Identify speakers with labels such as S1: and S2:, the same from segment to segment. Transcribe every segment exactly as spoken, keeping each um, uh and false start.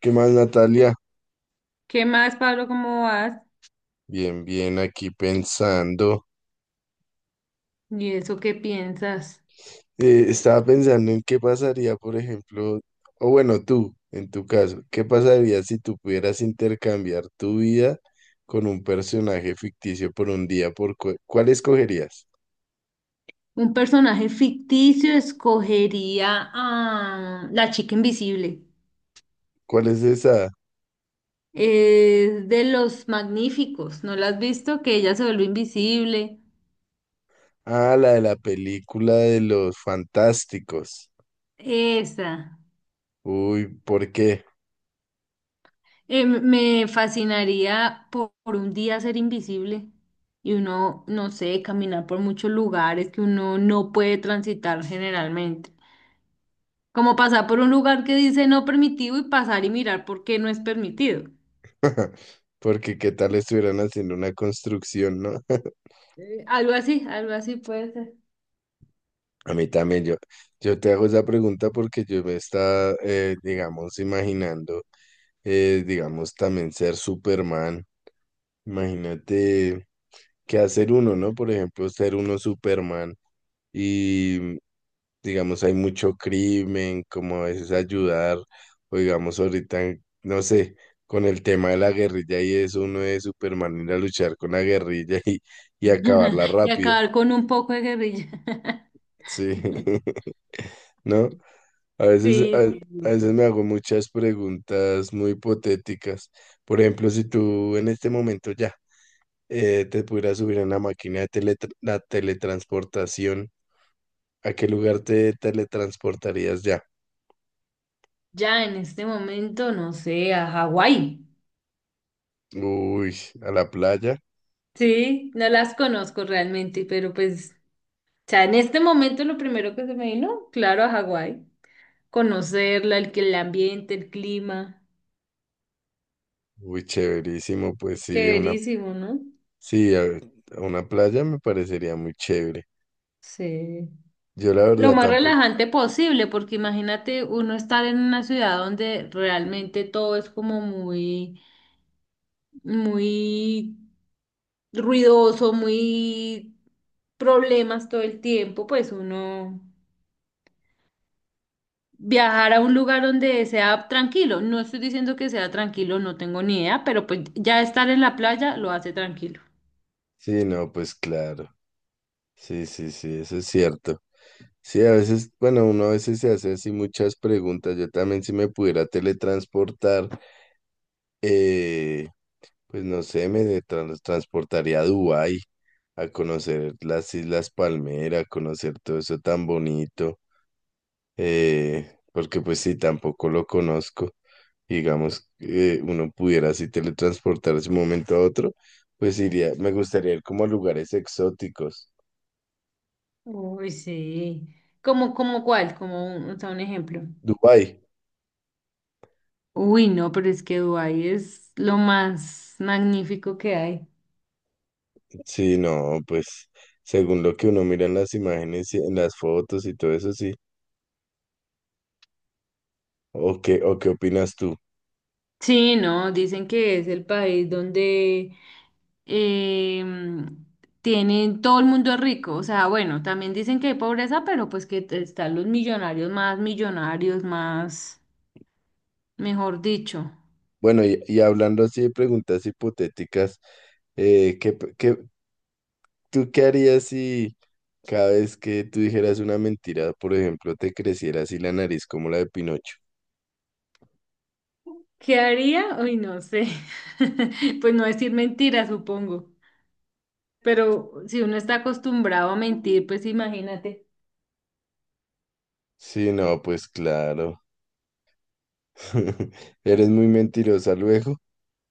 S1: ¿Qué más, Natalia?
S2: ¿Qué más, Pablo? ¿Cómo vas?
S1: Bien, bien, aquí pensando.
S2: ¿Y eso qué piensas?
S1: Eh, estaba pensando en qué pasaría, por ejemplo, o bueno, tú, en tu caso, ¿qué pasaría si tú pudieras intercambiar tu vida con un personaje ficticio por un día? ¿Por cu- cuál escogerías?
S2: Un personaje ficticio escogería a la chica invisible.
S1: ¿Cuál es esa?
S2: Es de los magníficos. ¿No la has visto? Que ella se vuelve invisible.
S1: Ah, la de la película de los fantásticos.
S2: Esa.
S1: Uy, ¿por qué?
S2: Eh, me fascinaría por, por un día ser invisible y uno, no sé, caminar por muchos lugares que uno no puede transitar generalmente. Como pasar por un lugar que dice no permitido y pasar y mirar por qué no es permitido.
S1: Porque qué tal estuvieran haciendo una construcción, ¿no?
S2: Algo así, algo así puede ser.
S1: A mí también, yo, yo te hago esa pregunta porque yo me estaba, eh, digamos, imaginando, eh, digamos, también ser Superman. Imagínate qué hacer uno, ¿no? Por ejemplo, ser uno Superman y, digamos, hay mucho crimen, como a veces ayudar, o digamos, ahorita, no sé, con el tema de la guerrilla y eso, uno es Superman ir a luchar con la guerrilla y, y acabarla
S2: Y
S1: rápido.
S2: acabar con un poco de guerrilla.
S1: Sí. ¿No? A veces, a,
S2: Sí, sí,
S1: a
S2: no.
S1: veces me hago muchas preguntas muy hipotéticas. Por ejemplo, si tú en este momento ya eh, te pudieras subir a una máquina de teletra- la teletransportación, ¿a qué lugar te teletransportarías ya?
S2: Ya en este momento, no sé, a Hawái.
S1: Uy, a la playa.
S2: Sí, no las conozco realmente, pero pues, o sea, en este momento lo primero que se me vino, claro, a Hawái. Conocerla, el, que- el ambiente, el clima.
S1: Uy, chéverísimo. Pues sí, una,
S2: Chéverísimo, ¿no?
S1: sí, a, a una playa me parecería muy chévere.
S2: Sí.
S1: Yo la
S2: Lo
S1: verdad
S2: más
S1: tampoco.
S2: relajante posible, porque imagínate uno estar en una ciudad donde realmente todo es como muy muy ruidoso, muy problemas todo el tiempo, pues uno viajar a un lugar donde sea tranquilo. No estoy diciendo que sea tranquilo, no tengo ni idea, pero pues ya estar en la playa lo hace tranquilo.
S1: Sí, no, pues claro. Sí, sí, sí, eso es cierto. Sí, a veces, bueno, uno a veces se hace así muchas preguntas. Yo también si me pudiera teletransportar, eh, pues no sé, me de- tran- transportaría a Dubái, a conocer las Islas Palmera, a conocer todo eso tan bonito, eh, porque pues sí, tampoco lo conozco. Digamos, eh, uno pudiera así teletransportarse de un momento a otro, pues iría, me gustaría ir como a lugares exóticos.
S2: Uy, sí. ¿Como como cuál? Como un, o sea, un ejemplo.
S1: Dubái.
S2: Uy, no, pero es que Dubái es lo más magnífico que hay.
S1: Sí, no, pues según lo que uno mira en las imágenes y en las fotos y todo eso, sí. ¿O qué, o qué opinas tú?
S2: Sí, no, dicen que es el país donde em, tienen, todo el mundo es rico, o sea, bueno, también dicen que hay pobreza, pero pues que te- están los millonarios más millonarios, más, mejor dicho.
S1: Bueno, y, y hablando así de preguntas hipotéticas, eh, ¿qué, p- qué- tú qué harías si cada vez que tú dijeras una mentira, por ejemplo, te creciera así la nariz como la de Pinocho?
S2: ¿Qué haría? Uy, no sé. Pues no decir mentiras, supongo. Pero si uno está acostumbrado a mentir, pues imagínate.
S1: Sí, no, pues claro. Eres muy mentirosa luego.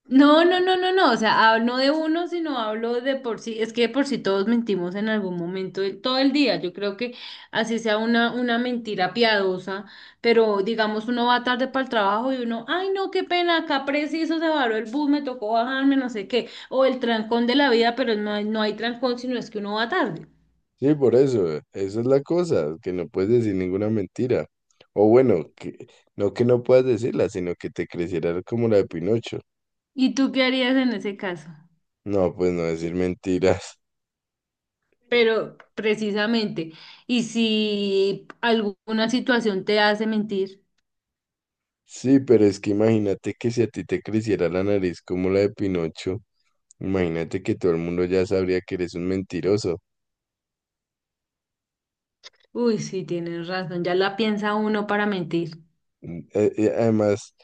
S2: No, no, no, no, no, o sea, hab- no de uno, sino hablo de por sí, es que de por sí todos mentimos en algún momento, de- todo el día, yo creo que así sea una, una mentira piadosa, pero digamos uno va tarde para el trabajo y uno, ay no, qué pena, acá preciso se varó el bus, me tocó bajarme, no sé qué, o el trancón de la vida, pero no hay, no hay trancón, sino es que uno va tarde.
S1: Sí, por eso, eso es la cosa, que no puedes decir ninguna mentira. O bueno, que, no que no puedas decirla, sino que te creciera como la de Pinocho.
S2: ¿Y tú qué harías en ese caso?
S1: No, pues no decir mentiras.
S2: Pero precisamente, ¿y si alguna situación te hace mentir?
S1: Sí, pero es que imagínate que si a ti te creciera la nariz como la de Pinocho, imagínate que todo el mundo ya sabría que eres un mentiroso.
S2: Uy, sí, tienes razón, ya la piensa uno para mentir.
S1: Mm, eh, eh, además,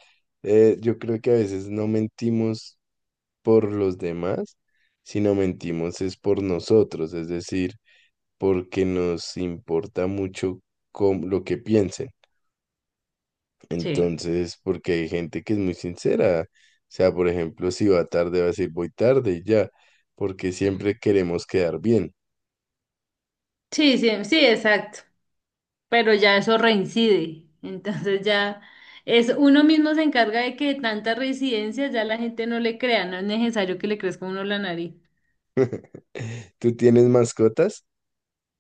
S1: eh, yo creo que a veces no mentimos por los demás, sino mentimos es por nosotros, es decir porque nos importa mucho cómo- lo que piensen.
S2: Sí,
S1: Entonces, porque hay gente que es muy sincera. O sea, por ejemplo, si va tarde, va a decir voy tarde y ya, porque siempre queremos quedar bien.
S2: sí, sí, sí, exacto, pero ya eso reincide, entonces ya es uno mismo se encarga de que tanta reincidencia ya la gente no le crea, no es necesario que le crezca a uno la nariz.
S1: ¿Tú tienes mascotas?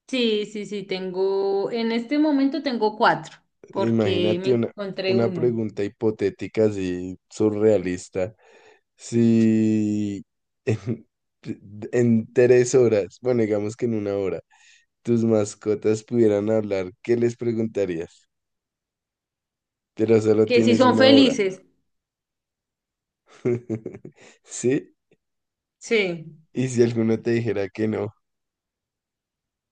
S2: Sí, sí, sí, tengo, en este momento tengo cuatro, porque me
S1: Imagínate una,
S2: encontré
S1: una
S2: uno,
S1: pregunta hipotética así surrealista. Si en, en tres horas, bueno, digamos que en una hora, tus mascotas pudieran hablar, ¿qué les preguntarías? Pero solo
S2: que si
S1: tienes
S2: son
S1: una hora.
S2: felices,
S1: ¿Sí?
S2: sí.
S1: Y si alguno te dijera que no,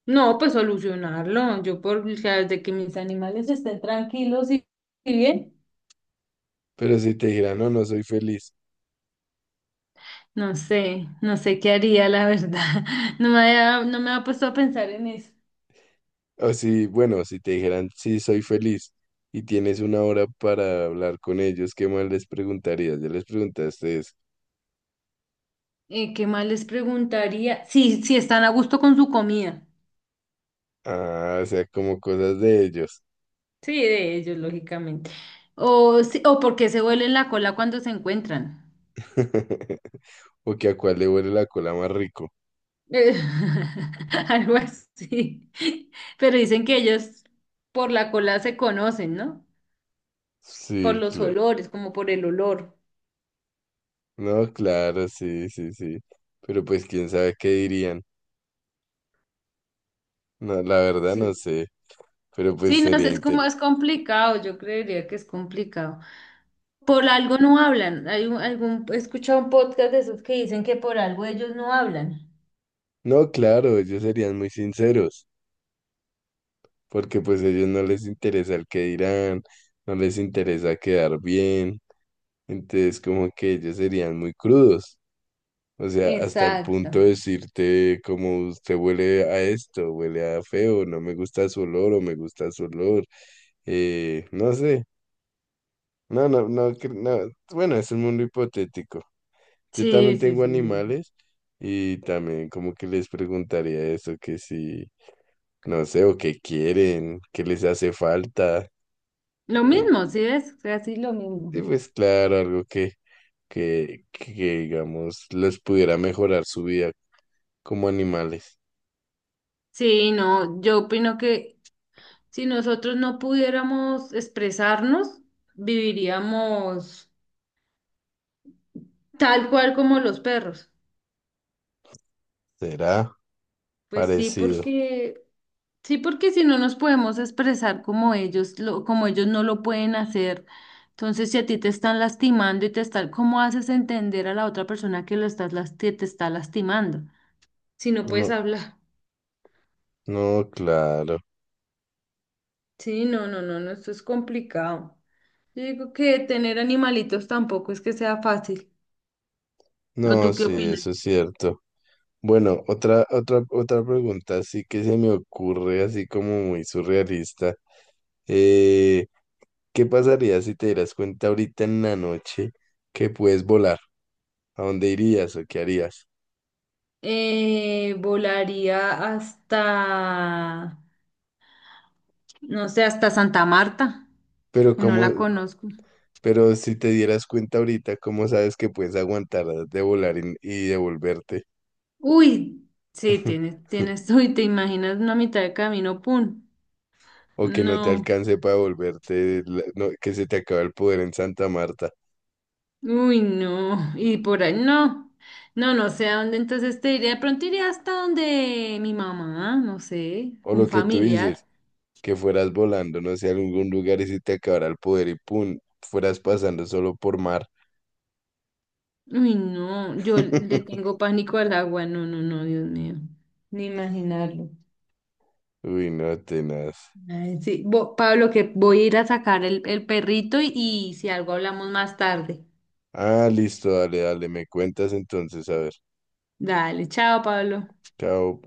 S2: No, pues solucionarlo, yo por, o sea, de que mis animales estén tranquilos y y bien.
S1: pero si te dijera no, no soy feliz.
S2: No sé, no sé qué haría, la verdad. No me había, no me había puesto a pensar en eso.
S1: O si, bueno, si te dijeran sí, soy feliz y tienes una hora para hablar con ellos, ¿qué más les preguntarías? Ya les preguntaste eso.
S2: Eh, ¿qué más les preguntaría? Sí, si están a gusto con su comida.
S1: Ah, o sea, como cosas de ellos.
S2: Sí, de ellos, lógicamente. O, sí, o porque se huelen la cola cuando se encuentran.
S1: O que a cuál le huele la cola más rico.
S2: Eh, algo así. Pero dicen que ellos por la cola se conocen, ¿no? Por
S1: Sí,
S2: los
S1: claro.
S2: olores, como por el olor.
S1: No, claro, sí, sí, sí. Pero pues quién sabe qué dirían. No, la verdad no
S2: Sí.
S1: sé. Pero pues
S2: Sí, no sé,
S1: sería
S2: es como
S1: inter...
S2: es complicado, yo creería que es complicado. Por algo no hablan. Hay un- algún, he escuchado un podcast de esos que dicen que por algo ellos no hablan.
S1: No, claro, ellos serían muy sinceros, porque pues ellos no les interesa el que dirán, no les interesa quedar bien, entonces como que ellos serían muy crudos. O sea, hasta el
S2: Exacto.
S1: punto de decirte como usted huele a esto, huele a feo, no me gusta su olor o me gusta su olor. Eh, no sé, no, no, no, cre- no. Bueno, es un mundo hipotético. Yo
S2: Sí,
S1: también
S2: sí,
S1: tengo
S2: sí, sí.
S1: animales y también como que les preguntaría eso, que si, no sé, o qué quieren, qué les hace falta.
S2: Lo
S1: eh,
S2: mismo, ¿sí ves? Casi lo mismo.
S1: y pues claro, algo que, que, que digamos les pudiera mejorar su vida como animales.
S2: Sí, no, yo opino que si nosotros no pudiéramos expresarnos, viviríamos tal cual como los perros.
S1: ¿Será?
S2: Pues sí,
S1: Parecido.
S2: porque sí, porque si no nos podemos expresar como ellos, lo, como ellos no lo pueden hacer. Entonces, si a ti te están lastimando y te están, ¿cómo haces entender a la otra persona que lo estás, las- que te está lastimando? Si no puedes
S1: No,
S2: hablar.
S1: no, claro.
S2: Sí, no, no, no, no, esto es complicado. Yo digo que tener animalitos tampoco es que sea fácil. ¿O tú
S1: No,
S2: qué
S1: sí, eso es
S2: opinas?
S1: cierto. Bueno, otra, otra, otra pregunta sí que se me ocurre así como muy surrealista. Eh, ¿Qué pasaría si te dieras cuenta ahorita en la noche que puedes volar? ¿A dónde irías o qué harías?
S2: Eh, volaría hasta, no sé, hasta Santa Marta,
S1: Pero
S2: que no
S1: cómo,
S2: la conozco.
S1: pero si te dieras cuenta ahorita, ¿cómo sabes que puedes aguantar de volar y, y devolverte?
S2: Uy, sí, tienes, tienes, uy, te imaginas una mitad de camino, pum.
S1: O que no te
S2: No,
S1: alcance para devolverte, la- no, que se te acaba el poder en Santa Marta.
S2: uy, no, y por ahí, no, no, no sé a dónde, entonces te iría, de pronto iría hasta donde mi mamá, no sé,
S1: O
S2: un
S1: lo que tú dices,
S2: familiar.
S1: que fueras volando, no sé, a algún lugar y se te acabara el poder y pum, fueras pasando solo por mar.
S2: Uy, no, yo le tengo pánico al agua, no, no, no, Dios mío, ni imaginarlo.
S1: Uy, no, tenaz.
S2: Ay, sí, bo- Pablo, que voy a ir a sacar el, el perrito y y si algo hablamos más tarde.
S1: Ah, listo, dale, dale, me cuentas entonces, a ver.
S2: Dale, chao, Pablo.
S1: Chao.